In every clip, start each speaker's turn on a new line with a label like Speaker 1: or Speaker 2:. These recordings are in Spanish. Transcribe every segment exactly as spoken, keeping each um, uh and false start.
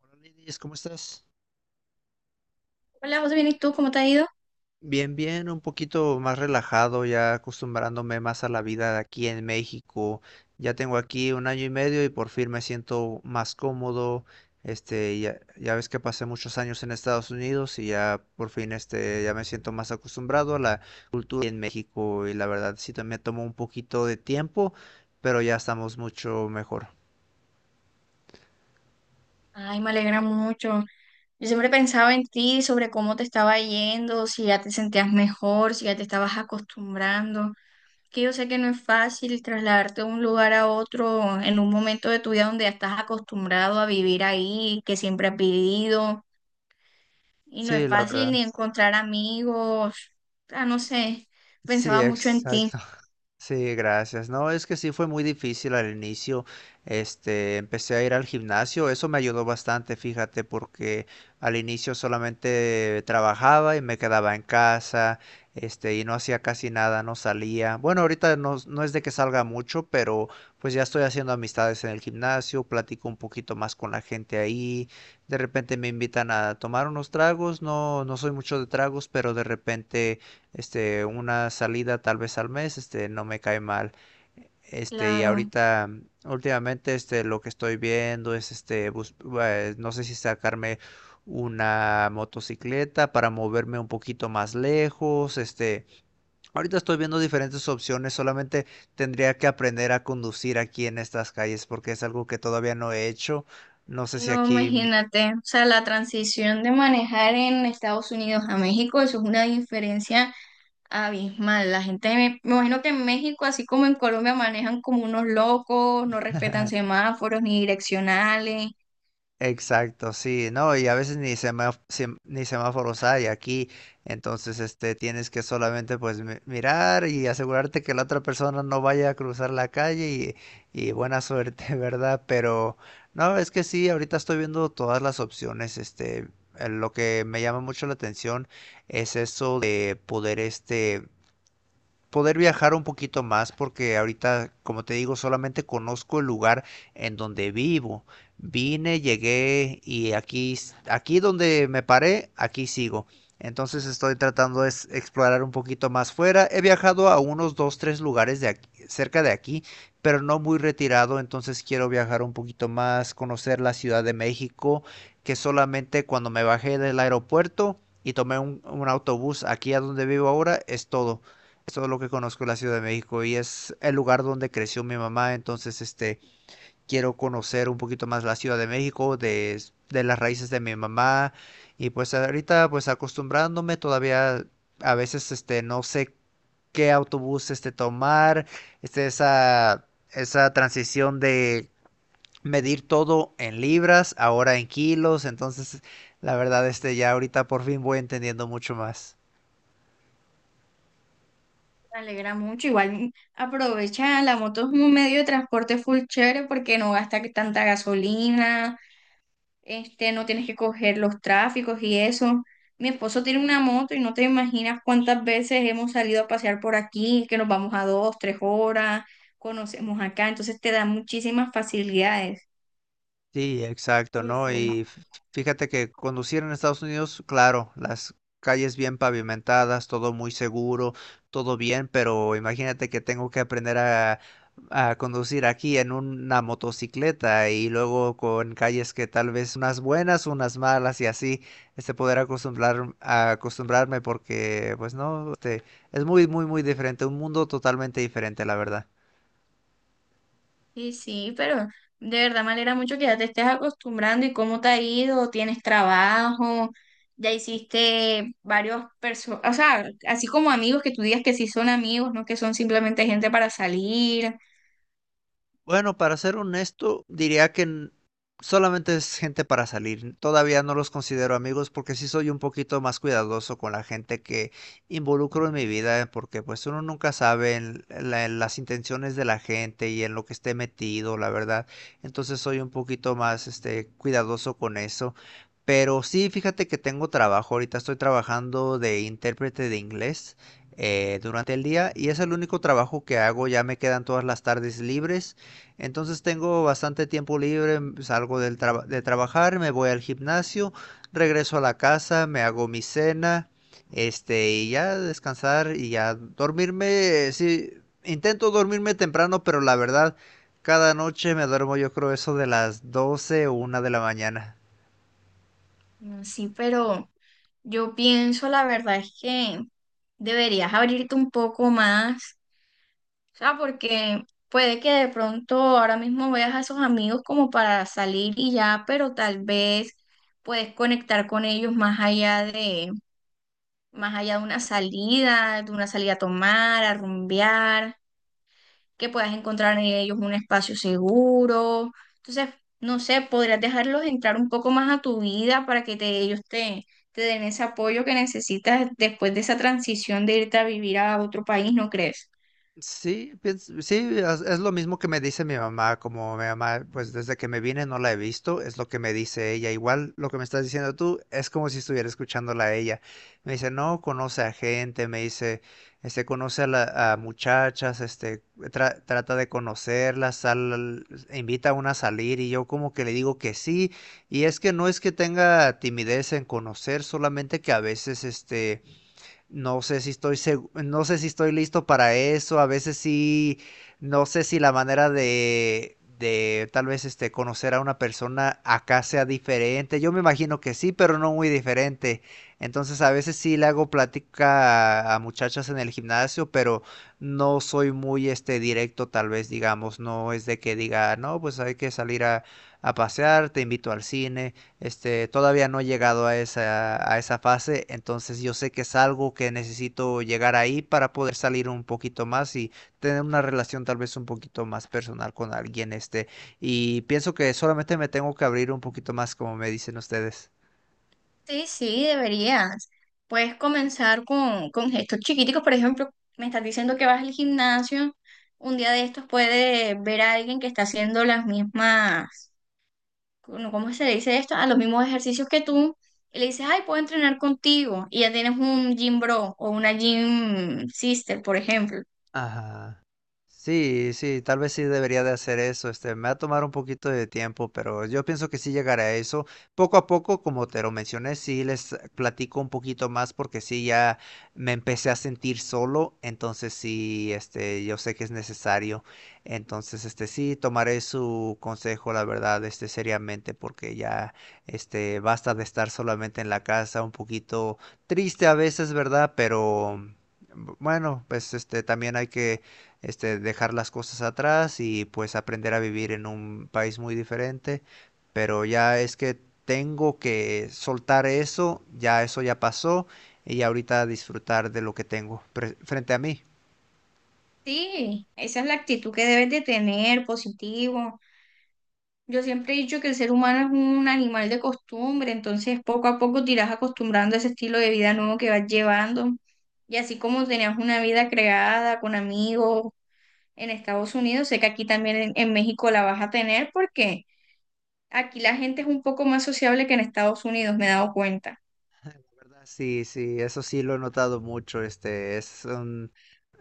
Speaker 1: Hola Lidis, ¿cómo estás?
Speaker 2: Hola, José, bien, ¿y tú? ¿Cómo te ha ido?
Speaker 1: Bien, bien, un poquito más relajado, ya acostumbrándome más a la vida de aquí en México. Ya tengo aquí un año y medio y por fin me siento más cómodo. Este, ya, ya ves que pasé muchos años en Estados Unidos y ya por fin este, ya me siento más acostumbrado a la cultura en México, y la verdad sí también tomó un poquito de tiempo, pero ya estamos mucho mejor.
Speaker 2: Ay, me alegra mucho. Yo siempre pensaba en ti, sobre cómo te estaba yendo, si ya te sentías mejor, si ya te estabas acostumbrando. Que yo sé que no es fácil trasladarte de un lugar a otro en un momento de tu vida donde ya estás acostumbrado a vivir ahí, que siempre has vivido. Y no es
Speaker 1: Sí, la
Speaker 2: fácil
Speaker 1: verdad.
Speaker 2: ni encontrar amigos. Ah, no sé,
Speaker 1: Sí,
Speaker 2: pensaba mucho en ti.
Speaker 1: exacto. Sí, gracias. No, es que sí fue muy difícil al inicio. Este, empecé a ir al gimnasio. Eso me ayudó bastante, fíjate, porque al inicio solamente trabajaba y me quedaba en casa, este, y no hacía casi nada, no salía. Bueno, ahorita no, no es de que salga mucho, pero pues ya estoy haciendo amistades en el gimnasio, platico un poquito más con la gente ahí. De repente me invitan a tomar unos tragos. No, no soy mucho de tragos, pero de repente este, una salida tal vez al mes, este, no me cae mal. Este, y
Speaker 2: Claro.
Speaker 1: ahorita, últimamente, este, lo que estoy viendo es, este, bus- eh, no sé si sacarme una motocicleta para moverme un poquito más lejos. Este, ahorita estoy viendo diferentes opciones, solamente tendría que aprender a conducir aquí en estas calles porque es algo que todavía no he hecho. No sé si
Speaker 2: No,
Speaker 1: aquí, me-
Speaker 2: imagínate, o sea, la transición de manejar en Estados Unidos a México, eso es una diferencia abismal. La gente, me, me imagino que en México, así como en Colombia, manejan como unos locos, no respetan semáforos ni direccionales.
Speaker 1: Exacto, sí, no, y a veces ni semáf- sem- ni semáforos hay aquí, entonces este tienes que solamente pues mi- mirar y asegurarte que la otra persona no vaya a cruzar la calle y, y buena suerte, ¿verdad? Pero no, es que sí, ahorita estoy viendo todas las opciones. Este, eh, lo que me llama mucho la atención es eso de poder este poder viajar un poquito más porque ahorita, como te digo, solamente conozco el lugar en donde vivo. Vine, llegué y aquí, s- aquí donde me paré, aquí sigo. Entonces estoy tratando de s- explorar un poquito más fuera. He viajado a unos dos, tres lugares de aquí- cerca de aquí, pero no muy retirado. Entonces quiero viajar un poquito más, conocer la Ciudad de México, que solamente cuando me bajé del aeropuerto y tomé un, un autobús aquí a donde vivo ahora, es todo. Eso es lo que conozco de la Ciudad de México y es el lugar donde creció mi mamá, entonces este quiero conocer un poquito más la Ciudad de México, de, de las raíces de mi mamá. Y pues ahorita pues acostumbrándome todavía, a veces este no sé qué autobús este tomar, este esa esa transición de medir todo en libras, ahora en kilos. Entonces la verdad este ya ahorita por fin voy entendiendo mucho más.
Speaker 2: Me alegra mucho. Igual aprovecha, la moto es un medio de transporte full chévere porque no gasta que tanta gasolina, este, no tienes que coger los tráficos y eso. Mi esposo tiene una moto y no te imaginas cuántas veces hemos salido a pasear por aquí, que nos vamos a dos, tres horas, conocemos acá, entonces te da muchísimas facilidades.
Speaker 1: Sí, exacto,
Speaker 2: Full,
Speaker 1: ¿no?
Speaker 2: full.
Speaker 1: Y f- fíjate que conducir en Estados Unidos, claro, las calles bien pavimentadas, todo muy seguro, todo bien, pero imagínate que tengo que aprender a, a conducir aquí en una motocicleta, y luego con calles que tal vez unas buenas, unas malas y así, este poder acostumbrar, a acostumbrarme porque, pues no, este, es muy, muy, muy diferente, un mundo totalmente diferente, la verdad.
Speaker 2: Y sí, pero de verdad me alegra mucho que ya te estés acostumbrando y cómo te ha ido, tienes trabajo, ya hiciste varios personas, o sea, así como amigos que tú digas que sí son amigos, no que son simplemente gente para salir,
Speaker 1: Bueno, para ser honesto, diría que n- solamente es gente para salir. Todavía no los considero amigos porque sí soy un poquito más cuidadoso con la gente que involucro en mi vida, eh, porque pues uno nunca sabe en la- en las intenciones de la gente y en lo que esté metido, la verdad. Entonces soy un poquito más este cuidadoso con eso. Pero sí, fíjate que tengo trabajo. Ahorita estoy trabajando de intérprete de inglés eh, durante el día, y es el único trabajo que hago. Ya me quedan todas las tardes libres. Entonces tengo bastante tiempo libre, mm, salgo del traba- de trabajar, me voy al gimnasio, regreso a la casa, me hago mi cena, este, y ya descansar y ya dormirme. eh, Sí, intento dormirme temprano, pero la verdad, cada noche me duermo yo creo eso de las doce o una de la mañana.
Speaker 2: sí, pero... Yo pienso, la verdad es que deberías abrirte un poco más, o sea, porque puede que de pronto ahora mismo veas a esos amigos como para salir y ya, pero tal vez puedes conectar con ellos más allá de, más allá de una salida, de una salida a tomar, a rumbear que puedas encontrar en ellos un espacio seguro. Entonces, no sé, podrías dejarlos entrar un poco más a tu vida para que te- ellos te, te den ese apoyo que necesitas después de esa transición de irte a vivir a otro país, ¿no crees?
Speaker 1: Sí, piens- sí, es, es lo mismo que me dice mi mamá. Como mi mamá, pues desde que me vine no la he visto, es lo que me dice ella. Igual lo que me estás diciendo tú es como si estuviera escuchándola a ella. Me dice, no, conoce a gente, me dice, este, conoce a, la- a muchachas, este, tra- trata de conocerlas, sal, e invita a una a salir, y yo como que le digo que sí. Y es que no es que tenga timidez en conocer, solamente que a veces, este... No sé si estoy segu- no sé si estoy listo para eso. A veces sí, no sé si la manera de, de tal vez este conocer a una persona acá sea diferente. Yo me imagino que sí, pero no muy diferente. Entonces a veces sí le hago plática a, a muchachas en el gimnasio, pero no soy muy este directo, tal vez digamos. No es de que diga, no, pues hay que salir a, a pasear, te invito al cine. Este, todavía no he llegado a esa, a esa fase, entonces yo sé que es algo que necesito llegar ahí para poder salir un poquito más y tener una relación tal vez un poquito más personal con alguien, este, y pienso que solamente me tengo que abrir un poquito más, como me dicen ustedes.
Speaker 2: Sí, sí, deberías. Puedes comenzar con, con gestos chiquiticos, por ejemplo, me estás diciendo que vas al gimnasio, un día de estos puedes ver a alguien que está haciendo las mismas ¿cómo cómo se le dice esto? A los mismos ejercicios que tú, y le dices, ay, puedo entrenar contigo, y ya tienes un gym bro o una gym sister, por ejemplo.
Speaker 1: Ajá. Sí, sí, tal vez sí debería de hacer eso. Este, me va a tomar un poquito de tiempo, pero yo pienso que sí llegaré a eso. Poco a poco, como te lo mencioné, sí les platico un poquito más porque sí ya me empecé a sentir solo, entonces sí, este, yo sé que es necesario. Entonces, este, sí tomaré su consejo, la verdad, este, seriamente, porque ya, este, basta de estar solamente en la casa, un poquito triste a veces, ¿verdad? Pero Bu- bueno, pues este también hay que este dejar las cosas atrás y pues aprender a vivir en un país muy diferente, pero ya es que tengo que soltar eso, ya eso ya pasó, y ahorita disfrutar de lo que tengo pre- frente a mí.
Speaker 2: Sí, esa es la actitud que debes de tener, positivo. Yo siempre he dicho que el ser humano es un animal de costumbre, entonces poco a poco te irás acostumbrando a ese estilo de vida nuevo que vas llevando. Y así como tenías una vida creada con amigos en Estados Unidos, sé que aquí también en en México la vas a tener porque aquí la gente es un poco más sociable que en Estados Unidos, me he dado cuenta.
Speaker 1: ¿Verdad? Sí, sí, eso sí lo he notado mucho. Este, es un,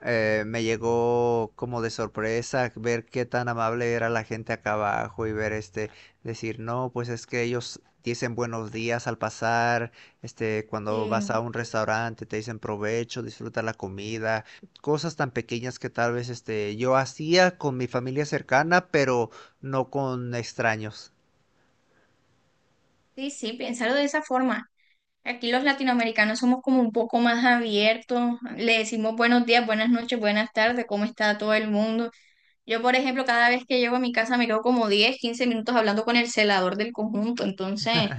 Speaker 1: eh, me llegó como de sorpresa ver qué tan amable era la gente acá abajo y ver, este, decir, no, pues es que ellos dicen buenos días al pasar, este, cuando vas a
Speaker 2: Sí,
Speaker 1: un restaurante te dicen provecho, disfruta la comida, cosas tan pequeñas que tal vez este, yo hacía con mi familia cercana, pero no con extraños.
Speaker 2: sí, sí, piénsalo de esa forma. Aquí los latinoamericanos somos como un poco más abiertos, le decimos buenos días, buenas noches, buenas tardes, ¿cómo está todo el mundo? Yo, por ejemplo, cada vez que llego a mi casa me quedo como diez, quince minutos hablando con el celador del conjunto, entonces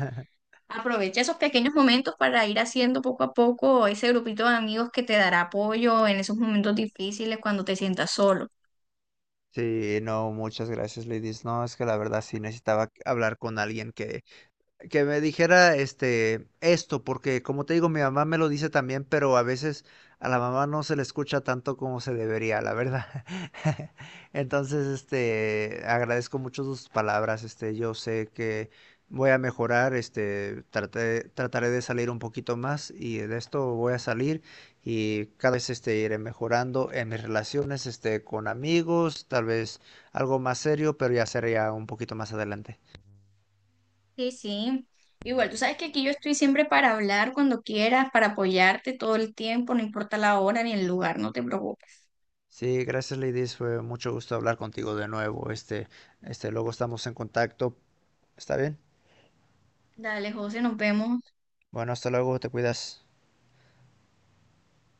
Speaker 2: aprovecha esos pequeños momentos para ir haciendo poco a poco ese grupito de amigos que te dará apoyo en esos momentos difíciles cuando te sientas solo.
Speaker 1: Sí, no, muchas gracias, Ladies. No, es que la verdad sí necesitaba hablar con alguien que, que me dijera este esto, porque como te digo, mi mamá me lo dice también, pero a veces a la mamá no se le escucha tanto como se debería, la verdad. Entonces, este, agradezco mucho sus palabras, este, yo sé que voy a mejorar, este, traté- trataré de salir un poquito más y de esto voy a salir, y cada vez, este, iré mejorando en mis relaciones, este, con amigos, tal vez algo más serio, pero ya sería un poquito más adelante.
Speaker 2: Sí, sí. Igual, tú sabes que aquí yo estoy siempre para hablar cuando quieras, para apoyarte todo el tiempo, no importa la hora ni el lugar, no te preocupes.
Speaker 1: Sí, gracias Ladies, fue mucho gusto hablar contigo de nuevo. Este, este, luego estamos en contacto. ¿Está bien?
Speaker 2: Dale, José, nos vemos.
Speaker 1: Bueno, hasta luego, te cuidas.